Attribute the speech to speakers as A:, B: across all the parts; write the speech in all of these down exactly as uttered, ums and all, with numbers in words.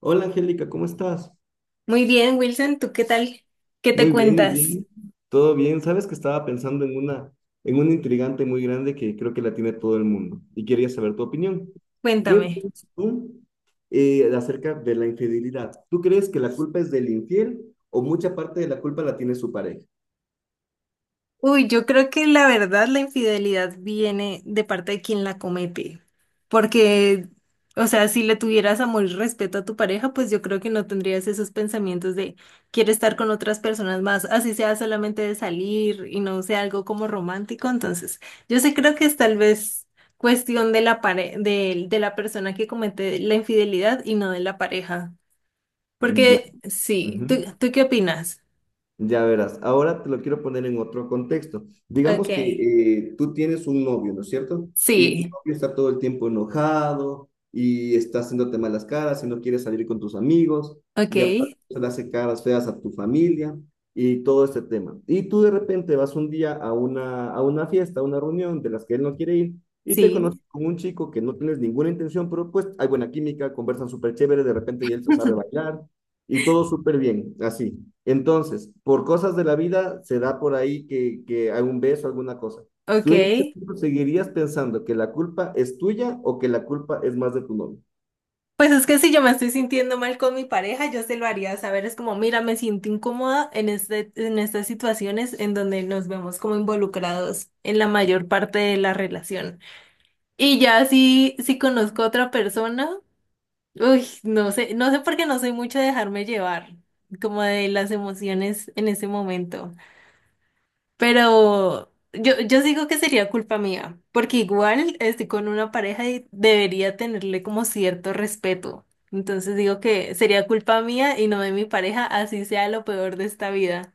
A: Hola Angélica, ¿cómo estás?
B: Muy bien, Wilson, ¿tú qué tal? ¿Qué te
A: Muy bien, muy
B: cuentas?
A: bien. Todo bien. Sabes que estaba pensando en una, en una intrigante muy grande que creo que la tiene todo el mundo y quería saber tu opinión. ¿Qué
B: Cuéntame.
A: piensas tú eh, acerca de la infidelidad? ¿Tú crees que la culpa es del infiel o mucha parte de la culpa la tiene su pareja?
B: Uy, yo creo que la verdad la infidelidad viene de parte de quien la comete, porque, o sea, si le tuvieras amor y respeto a tu pareja, pues yo creo que no tendrías esos pensamientos de quiero estar con otras personas más, así sea solamente de salir y no sea algo como romántico. Entonces, yo sí creo que es tal vez cuestión de la pare- de, de la persona que comete la infidelidad y no de la pareja.
A: Ya.
B: Porque sí, ¿tú,
A: Ujú.
B: tú ¿qué opinas?
A: Ya verás, ahora te lo quiero poner en otro contexto.
B: Ok,
A: Digamos que eh, tú tienes un novio, ¿no es cierto? Y tu
B: sí,
A: novio está todo el tiempo enojado y está haciéndote malas caras y no quiere salir con tus amigos
B: ok,
A: y aparte le hace caras feas a tu familia y todo este tema. Y tú de repente vas un día a una, a una fiesta, a una reunión de las que él no quiere ir y te
B: sí,
A: conoces con un chico que no tienes ninguna intención, pero pues hay buena química, conversan súper chévere, de repente y él se sabe bailar. Y todo súper bien, así. Entonces, por cosas de la vida, se da por ahí que, que hay un beso, alguna cosa.
B: ok.
A: ¿Tú en ese punto seguirías pensando que la culpa es tuya o que la culpa es más de tu novio?
B: Pues es que si yo me estoy sintiendo mal con mi pareja, yo se lo haría saber. Es como, mira, me siento incómoda en este, en estas situaciones en donde nos vemos como involucrados en la mayor parte de la relación. Y ya si, si conozco a otra persona, uy, no sé, no sé por qué no soy mucho de dejarme llevar, como de las emociones en ese momento. Pero yo, yo digo que sería culpa mía, porque igual estoy con una pareja y debería tenerle como cierto respeto. Entonces digo que sería culpa mía y no de mi pareja, así sea lo peor de esta vida.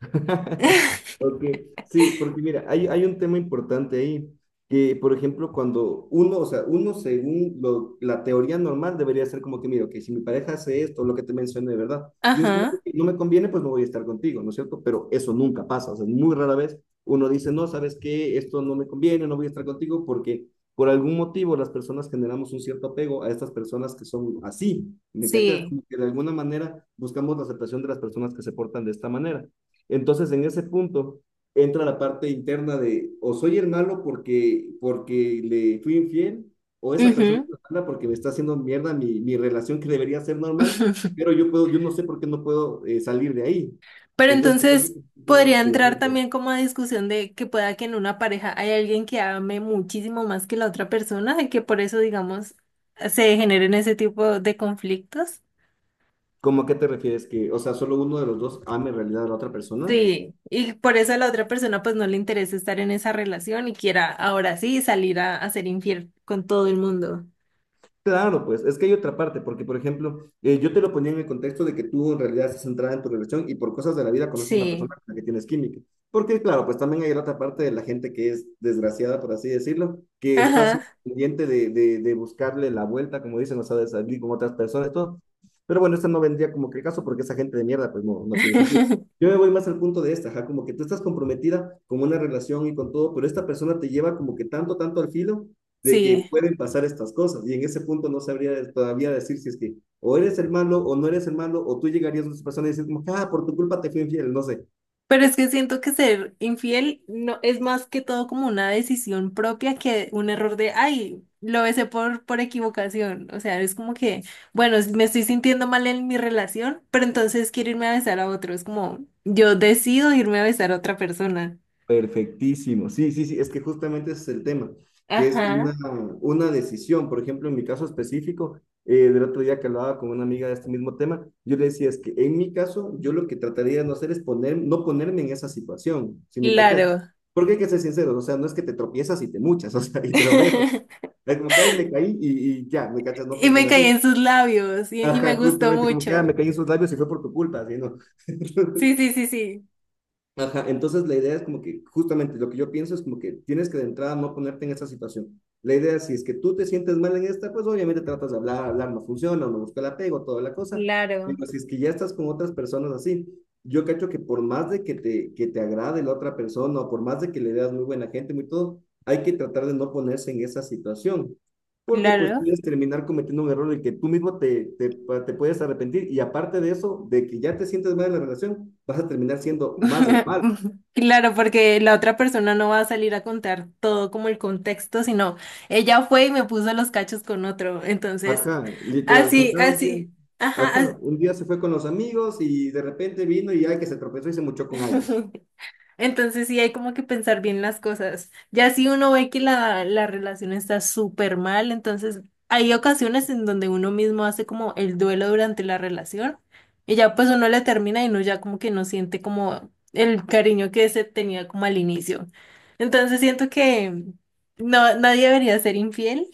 A: Ok, sí, porque mira, hay, hay un tema importante ahí, que por ejemplo, cuando uno, o sea, uno según lo- la teoría normal debería ser como que, mira, que si mi pareja hace esto, lo que te mencioné, de ¿verdad? Dices como que
B: Ajá,
A: ok, no me conviene, pues no voy a estar contigo, ¿no es cierto? Pero eso nunca pasa, o sea, muy rara vez uno dice, no, ¿sabes qué? Esto no me conviene, no voy a estar contigo, porque por algún motivo las personas generamos un cierto apego a estas personas que son así, ¿me cachas?
B: sí.
A: Como que de alguna manera buscamos la aceptación de las personas que se portan de esta manera. Entonces, en ese punto entra la parte interna de o soy el malo porque, porque le fui infiel, o esa persona
B: Ujú.
A: es mala porque me está haciendo mierda mi, mi relación que debería ser normal, pero yo puedo, yo no sé por qué no puedo eh, salir de ahí.
B: Pero
A: Entonces, es algo
B: entonces
A: que es muy
B: podría entrar
A: interesante.
B: también como a discusión de que pueda que en una pareja hay alguien que ame muchísimo más que la otra persona y que por eso, digamos, se generen ese tipo de conflictos.
A: ¿Cómo a qué te refieres? Que, o sea, solo uno de los dos ama en realidad a la otra persona.
B: Sí, y por eso a la otra persona pues no le interesa estar en esa relación y quiera ahora sí salir a, a ser infiel con todo el mundo.
A: Claro, pues es que hay otra parte, porque por ejemplo, eh, yo te lo ponía en el contexto de que tú en realidad estás centrada en tu relación y por cosas de la vida conoces a una
B: Sí,
A: persona con la que tienes química. Porque claro, pues también hay la otra parte de la gente que es desgraciada, por así decirlo, que está así
B: ajá,
A: pendiente de, de, de buscarle la vuelta, como dicen, o sea, de salir con otras personas y todo. Pero bueno, esto no vendría como que el caso porque esa gente de mierda pues no, no tiene sentido. Yo me voy más al punto de esta, ajá, como que tú estás comprometida con una relación y con todo, pero esta persona te lleva como que tanto, tanto al filo de que
B: sí.
A: pueden pasar estas cosas. Y en ese punto no sabría todavía decir si es que o eres el malo o no eres el malo, o tú llegarías a esa persona y dices, como, ah, por tu culpa te fui infiel, no sé.
B: Pero es que siento que ser infiel no es más que todo como una decisión propia que un error de, ay, lo besé por, por equivocación. O sea, es como que, bueno, me estoy sintiendo mal en mi relación, pero entonces quiero irme a besar a otro. Es como, yo decido irme a besar a otra persona.
A: Perfectísimo. Sí, sí, sí, es que justamente ese es el tema, que es una,
B: Ajá.
A: una decisión. Por ejemplo, en mi caso específico, eh, del otro día que hablaba con una amiga de este mismo tema, yo le decía, es que en mi caso, yo lo que trataría de no hacer es poner, no ponerme en esa situación, si me cachas.
B: Claro.
A: Porque hay que ser sinceros, o sea, no es que te tropiezas y te muchas, o sea, y te lo ves. Es como que, ay, me caí y, y ya, me cachas, no
B: Y me
A: funciona
B: caí
A: así.
B: en sus labios y, y me
A: Ajá,
B: gustó
A: justamente, como que, ah,
B: mucho.
A: me caí en sus labios y fue por tu culpa, así, ¿no?
B: Sí, sí, sí, sí.
A: Ajá, entonces la idea es como que, justamente, lo que yo pienso es como que tienes que de entrada no ponerte en esa situación. La idea es, si es que tú te sientes mal en esta, pues obviamente tratas de hablar, hablar no funciona, uno busca el apego, toda la cosa.
B: Claro,
A: Pero si es que ya estás con otras personas así, yo cacho que por más de que te, que te agrade la otra persona o por más de que le veas muy buena gente, muy todo, hay que tratar de no ponerse en esa situación porque pues
B: claro.
A: puedes terminar cometiendo un error en el que tú mismo te, te, te puedes arrepentir y aparte de eso, de que ya te sientes mal en la relación, vas a terminar siendo más el mal.
B: Claro, porque la otra persona no va a salir a contar todo como el contexto, sino ella fue y me puso los cachos con otro. Entonces,
A: Ajá, literal, es como
B: así,
A: cada un día,
B: así. Ajá.
A: ajá, un día se fue con los amigos y de repente vino y ay que se tropezó y se mochó con
B: Así.
A: alguien.
B: Entonces sí hay como que pensar bien las cosas. Ya si uno ve que la, la relación está súper mal, entonces hay ocasiones en donde uno mismo hace como el duelo durante la relación y ya pues uno le termina y uno ya como que no siente como el cariño que se tenía como al inicio. Entonces siento que no, nadie debería ser infiel.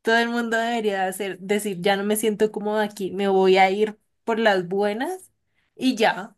B: Todo el mundo debería hacer, decir, ya no me siento cómodo aquí, me voy a ir por las buenas y ya,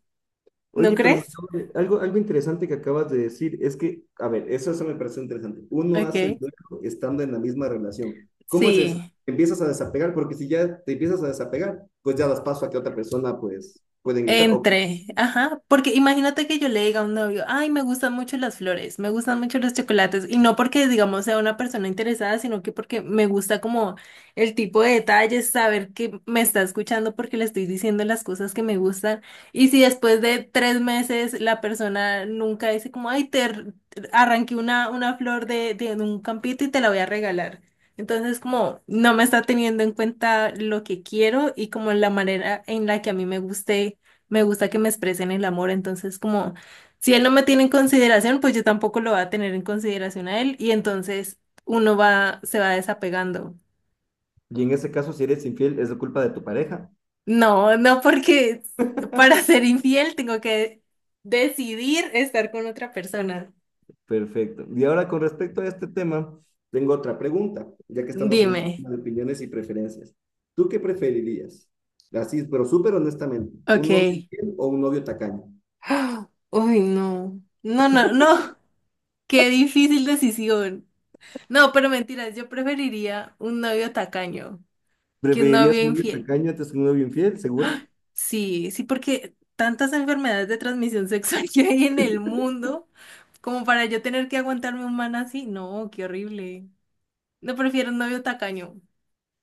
B: ¿no
A: Oye, pero me
B: crees?
A: acabo de- algo, algo interesante que acabas de decir es que, a ver, eso, eso me pareció interesante. Uno hace el
B: Ok.
A: duelo estando en la misma relación. ¿Cómo es eso?
B: Sí.
A: Te empiezas a desapegar, porque si ya te empiezas a desapegar, pues ya das paso a que otra persona pues pueda ingresar o...
B: Entre, ajá, porque imagínate que yo le diga a un novio, ay, me gustan mucho las flores, me gustan mucho los chocolates, y no porque, digamos, sea una persona interesada, sino que porque me gusta como el tipo de detalles, saber que me está escuchando porque le estoy diciendo las cosas que me gustan, y si después de tres meses la persona nunca dice como, ay, te r- arranqué una, una flor de, de un campito y te la voy a regalar. Entonces, como no me está teniendo en cuenta lo que quiero y como la manera en la que a mí me guste me gusta que me expresen el amor, entonces como si él no me tiene en consideración, pues yo tampoco lo voy a tener en consideración a él y entonces uno va, se va desapegando.
A: Y en ese caso, si eres infiel, es la culpa de tu pareja.
B: No, no porque para ser infiel tengo que decidir estar con otra persona.
A: Perfecto. Y ahora con respecto a este tema, tengo otra pregunta, ya que estamos en este
B: Dime.
A: tema de opiniones y preferencias. ¿Tú qué preferirías? Así, pero súper honestamente, ¿un novio
B: Ok.
A: infiel o un novio tacaño?
B: Uy, no. No, no, no. Qué difícil decisión. No, pero mentiras, yo preferiría un novio tacaño que un
A: ¿Preferirías
B: novio
A: un novio
B: infiel.
A: tacaño antes que un novio infiel, segura?
B: Sí, sí, porque tantas enfermedades de transmisión sexual que hay en el mundo, como para yo tener que aguantarme un man así, no, qué horrible. No prefiero un novio tacaño.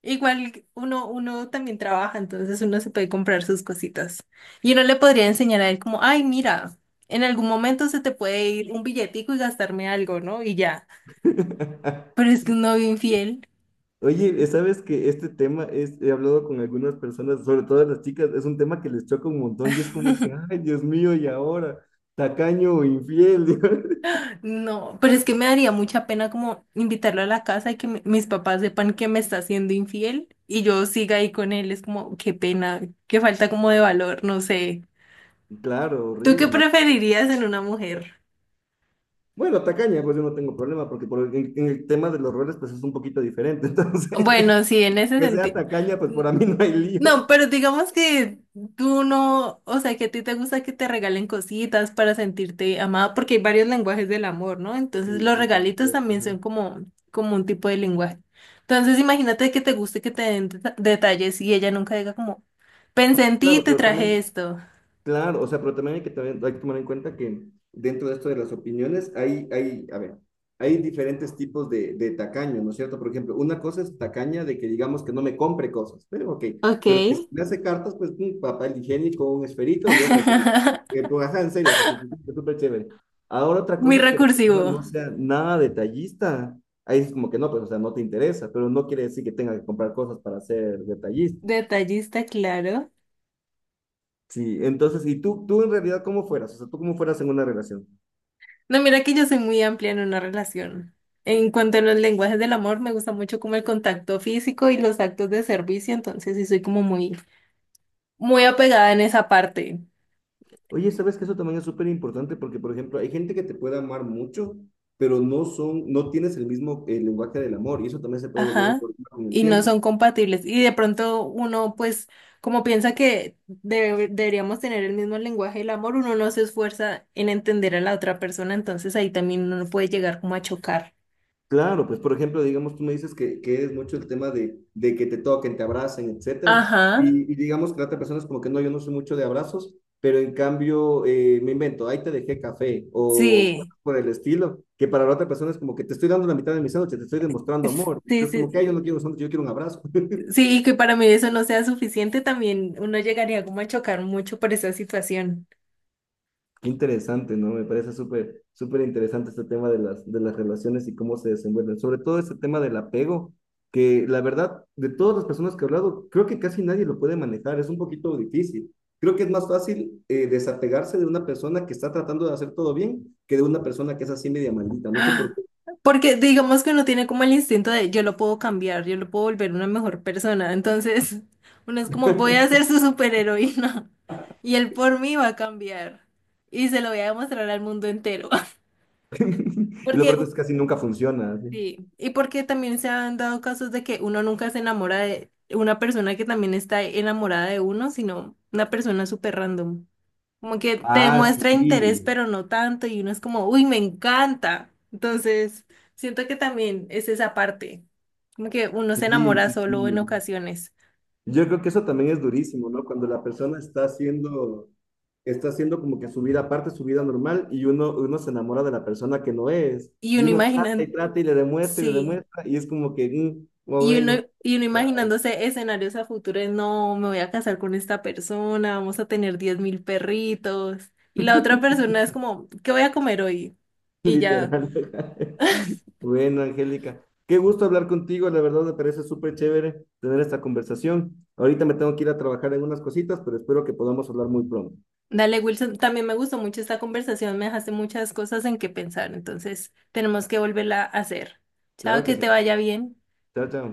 B: Igual uno, uno también trabaja, entonces uno se puede comprar sus cositas. Y uno le podría enseñar a él como, ay, mira, en algún momento se te puede ir un billetico y gastarme algo, ¿no? Y ya. Pero es que un novio infiel.
A: Oye, eh, sabes que este tema es, he hablado con algunas personas, sobre todo las chicas, es un tema que les choca un montón y es como que, ay, Dios mío, y ahora, tacaño o infiel.
B: No, pero es que me daría mucha pena como invitarlo a la casa y que mi- mis papás sepan que me está siendo infiel y yo siga ahí con él. Es como, qué pena, qué falta como de valor, no sé.
A: Claro,
B: ¿Tú qué
A: horrible.
B: preferirías en una mujer?
A: Bueno, tacaña, pues yo no tengo problema, porque por- el- en, en el tema de los roles, pues es un poquito diferente. Entonces,
B: Bueno, sí, en ese
A: que sea
B: sentido.
A: tacaña, pues para mí no hay
B: No,
A: lío.
B: pero digamos que tú no, o sea, que a ti te gusta que te regalen cositas para sentirte amada, porque hay varios lenguajes del amor, ¿no? Entonces
A: Sí,
B: los
A: sí, por
B: regalitos
A: supuesto,
B: también
A: ajá.
B: son como, como un tipo de lenguaje. Entonces imagínate que te guste que te den deta- detalles y ella nunca diga como, pensé en ti y
A: Claro,
B: te
A: pero
B: traje
A: también,
B: esto.
A: claro, o sea, pero también hay que, también, hay que tomar en cuenta que dentro de esto de las opiniones hay, hay, a ver, hay diferentes tipos de, de tacaño, ¿no es cierto? Por ejemplo, una cosa es tacaña de que digamos que no me compre cosas, pero ok,
B: Ok.
A: pero que si me hace cartas, pues un papel higiénico, un esferito, yo feliz. Eh, pues, ajá, en serio, o sea, súper súper chévere. Ahora otra
B: Muy
A: cosa es que la persona
B: recursivo.
A: no sea nada detallista. Ahí es como que no, pues, o sea, no te interesa, pero no quiere decir que tenga que comprar cosas para ser detallista.
B: Detallista, claro.
A: Sí, entonces, ¿y tú, tú en realidad cómo fueras? O sea, ¿tú cómo fueras en una relación?
B: No, mira que yo soy muy amplia en una relación. En cuanto a los lenguajes del amor, me gusta mucho como el contacto físico y los actos de servicio, entonces sí soy como muy, muy apegada en esa parte.
A: Oye, ¿sabes que eso también es súper importante? Porque, por ejemplo, hay gente que te puede amar mucho, pero no son, no tienes el mismo eh, lenguaje del amor, y eso también se puede volver un
B: Ajá.
A: problema con el
B: Y no
A: tiempo.
B: son compatibles. Y de pronto uno, pues, como piensa que debe- deberíamos tener el mismo lenguaje del amor, uno no se esfuerza en entender a la otra persona, entonces ahí también uno puede llegar como a chocar.
A: Claro, pues por ejemplo, digamos, tú me dices que, que es mucho el tema de, de que te toquen, te abracen, etcétera.
B: Ajá.
A: Y, y digamos que la otra persona es como que no, yo no soy mucho de abrazos, pero en cambio eh, me invento, ahí te dejé café o
B: Sí.
A: cosas por el estilo, que para la otra persona es como que te estoy dando la mitad de mi sándwich, te estoy demostrando amor.
B: Sí,
A: Entonces, como que,
B: sí.
A: ay, yo no quiero sándwich, yo quiero un abrazo.
B: Sí, y que para mí eso no sea suficiente, también uno llegaría como a chocar mucho por esa situación.
A: Qué interesante, ¿no? Me parece súper, súper interesante este tema de las, de las relaciones y cómo se desenvuelven. Sobre todo este tema del apego, que la verdad, de todas las personas que he hablado, creo que casi nadie lo puede manejar. Es un poquito difícil. Creo que es más fácil eh, desapegarse de una persona que está tratando de hacer todo bien que de una persona que es así media maldita. No sé por
B: ¡Ah!
A: qué.
B: Porque digamos que uno tiene como el instinto de yo lo puedo cambiar, yo lo puedo volver una mejor persona. Entonces, uno es como voy a ser su superheroína y él por mí va a cambiar y se lo voy a demostrar al mundo entero.
A: Y lo
B: Porque
A: peor es que casi nunca funciona, así.
B: sí, y porque también se han dado casos de que uno nunca se enamora de una persona que también está enamorada de uno, sino una persona súper random. Como que te
A: Ah,
B: demuestra interés,
A: sí,
B: pero no tanto, y uno es como, uy, me encanta. Entonces, siento que también es esa parte, como que uno se
A: sí,
B: enamora
A: sí,
B: solo en
A: sí.
B: ocasiones.
A: Yo creo que eso también es durísimo, ¿no? Cuando la persona está haciendo, está haciendo como que su vida aparte, su vida normal, y uno, uno se enamora de la persona que no es,
B: Y
A: y
B: uno
A: uno trata
B: imagina,
A: y trata y le demuestra y le
B: sí.
A: demuestra, y es como que, mm, oh,
B: Y uno,
A: bueno,
B: y uno imaginándose escenarios a futuro, de, no, me voy a casar con esta persona, vamos a tener diez mil perritos. Y la otra persona es como, ¿qué voy a comer hoy? Y ya.
A: literal. Bueno, Angélica, qué gusto hablar contigo, la verdad me parece súper chévere tener esta conversación. Ahorita me tengo que ir a trabajar en unas cositas, pero espero que podamos hablar muy pronto.
B: Dale, Wilson, también me gustó mucho esta conversación, me dejaste muchas cosas en que pensar, entonces tenemos que volverla a hacer. Chao,
A: Claro que
B: que
A: sí.
B: te vaya bien.
A: Chao, chao.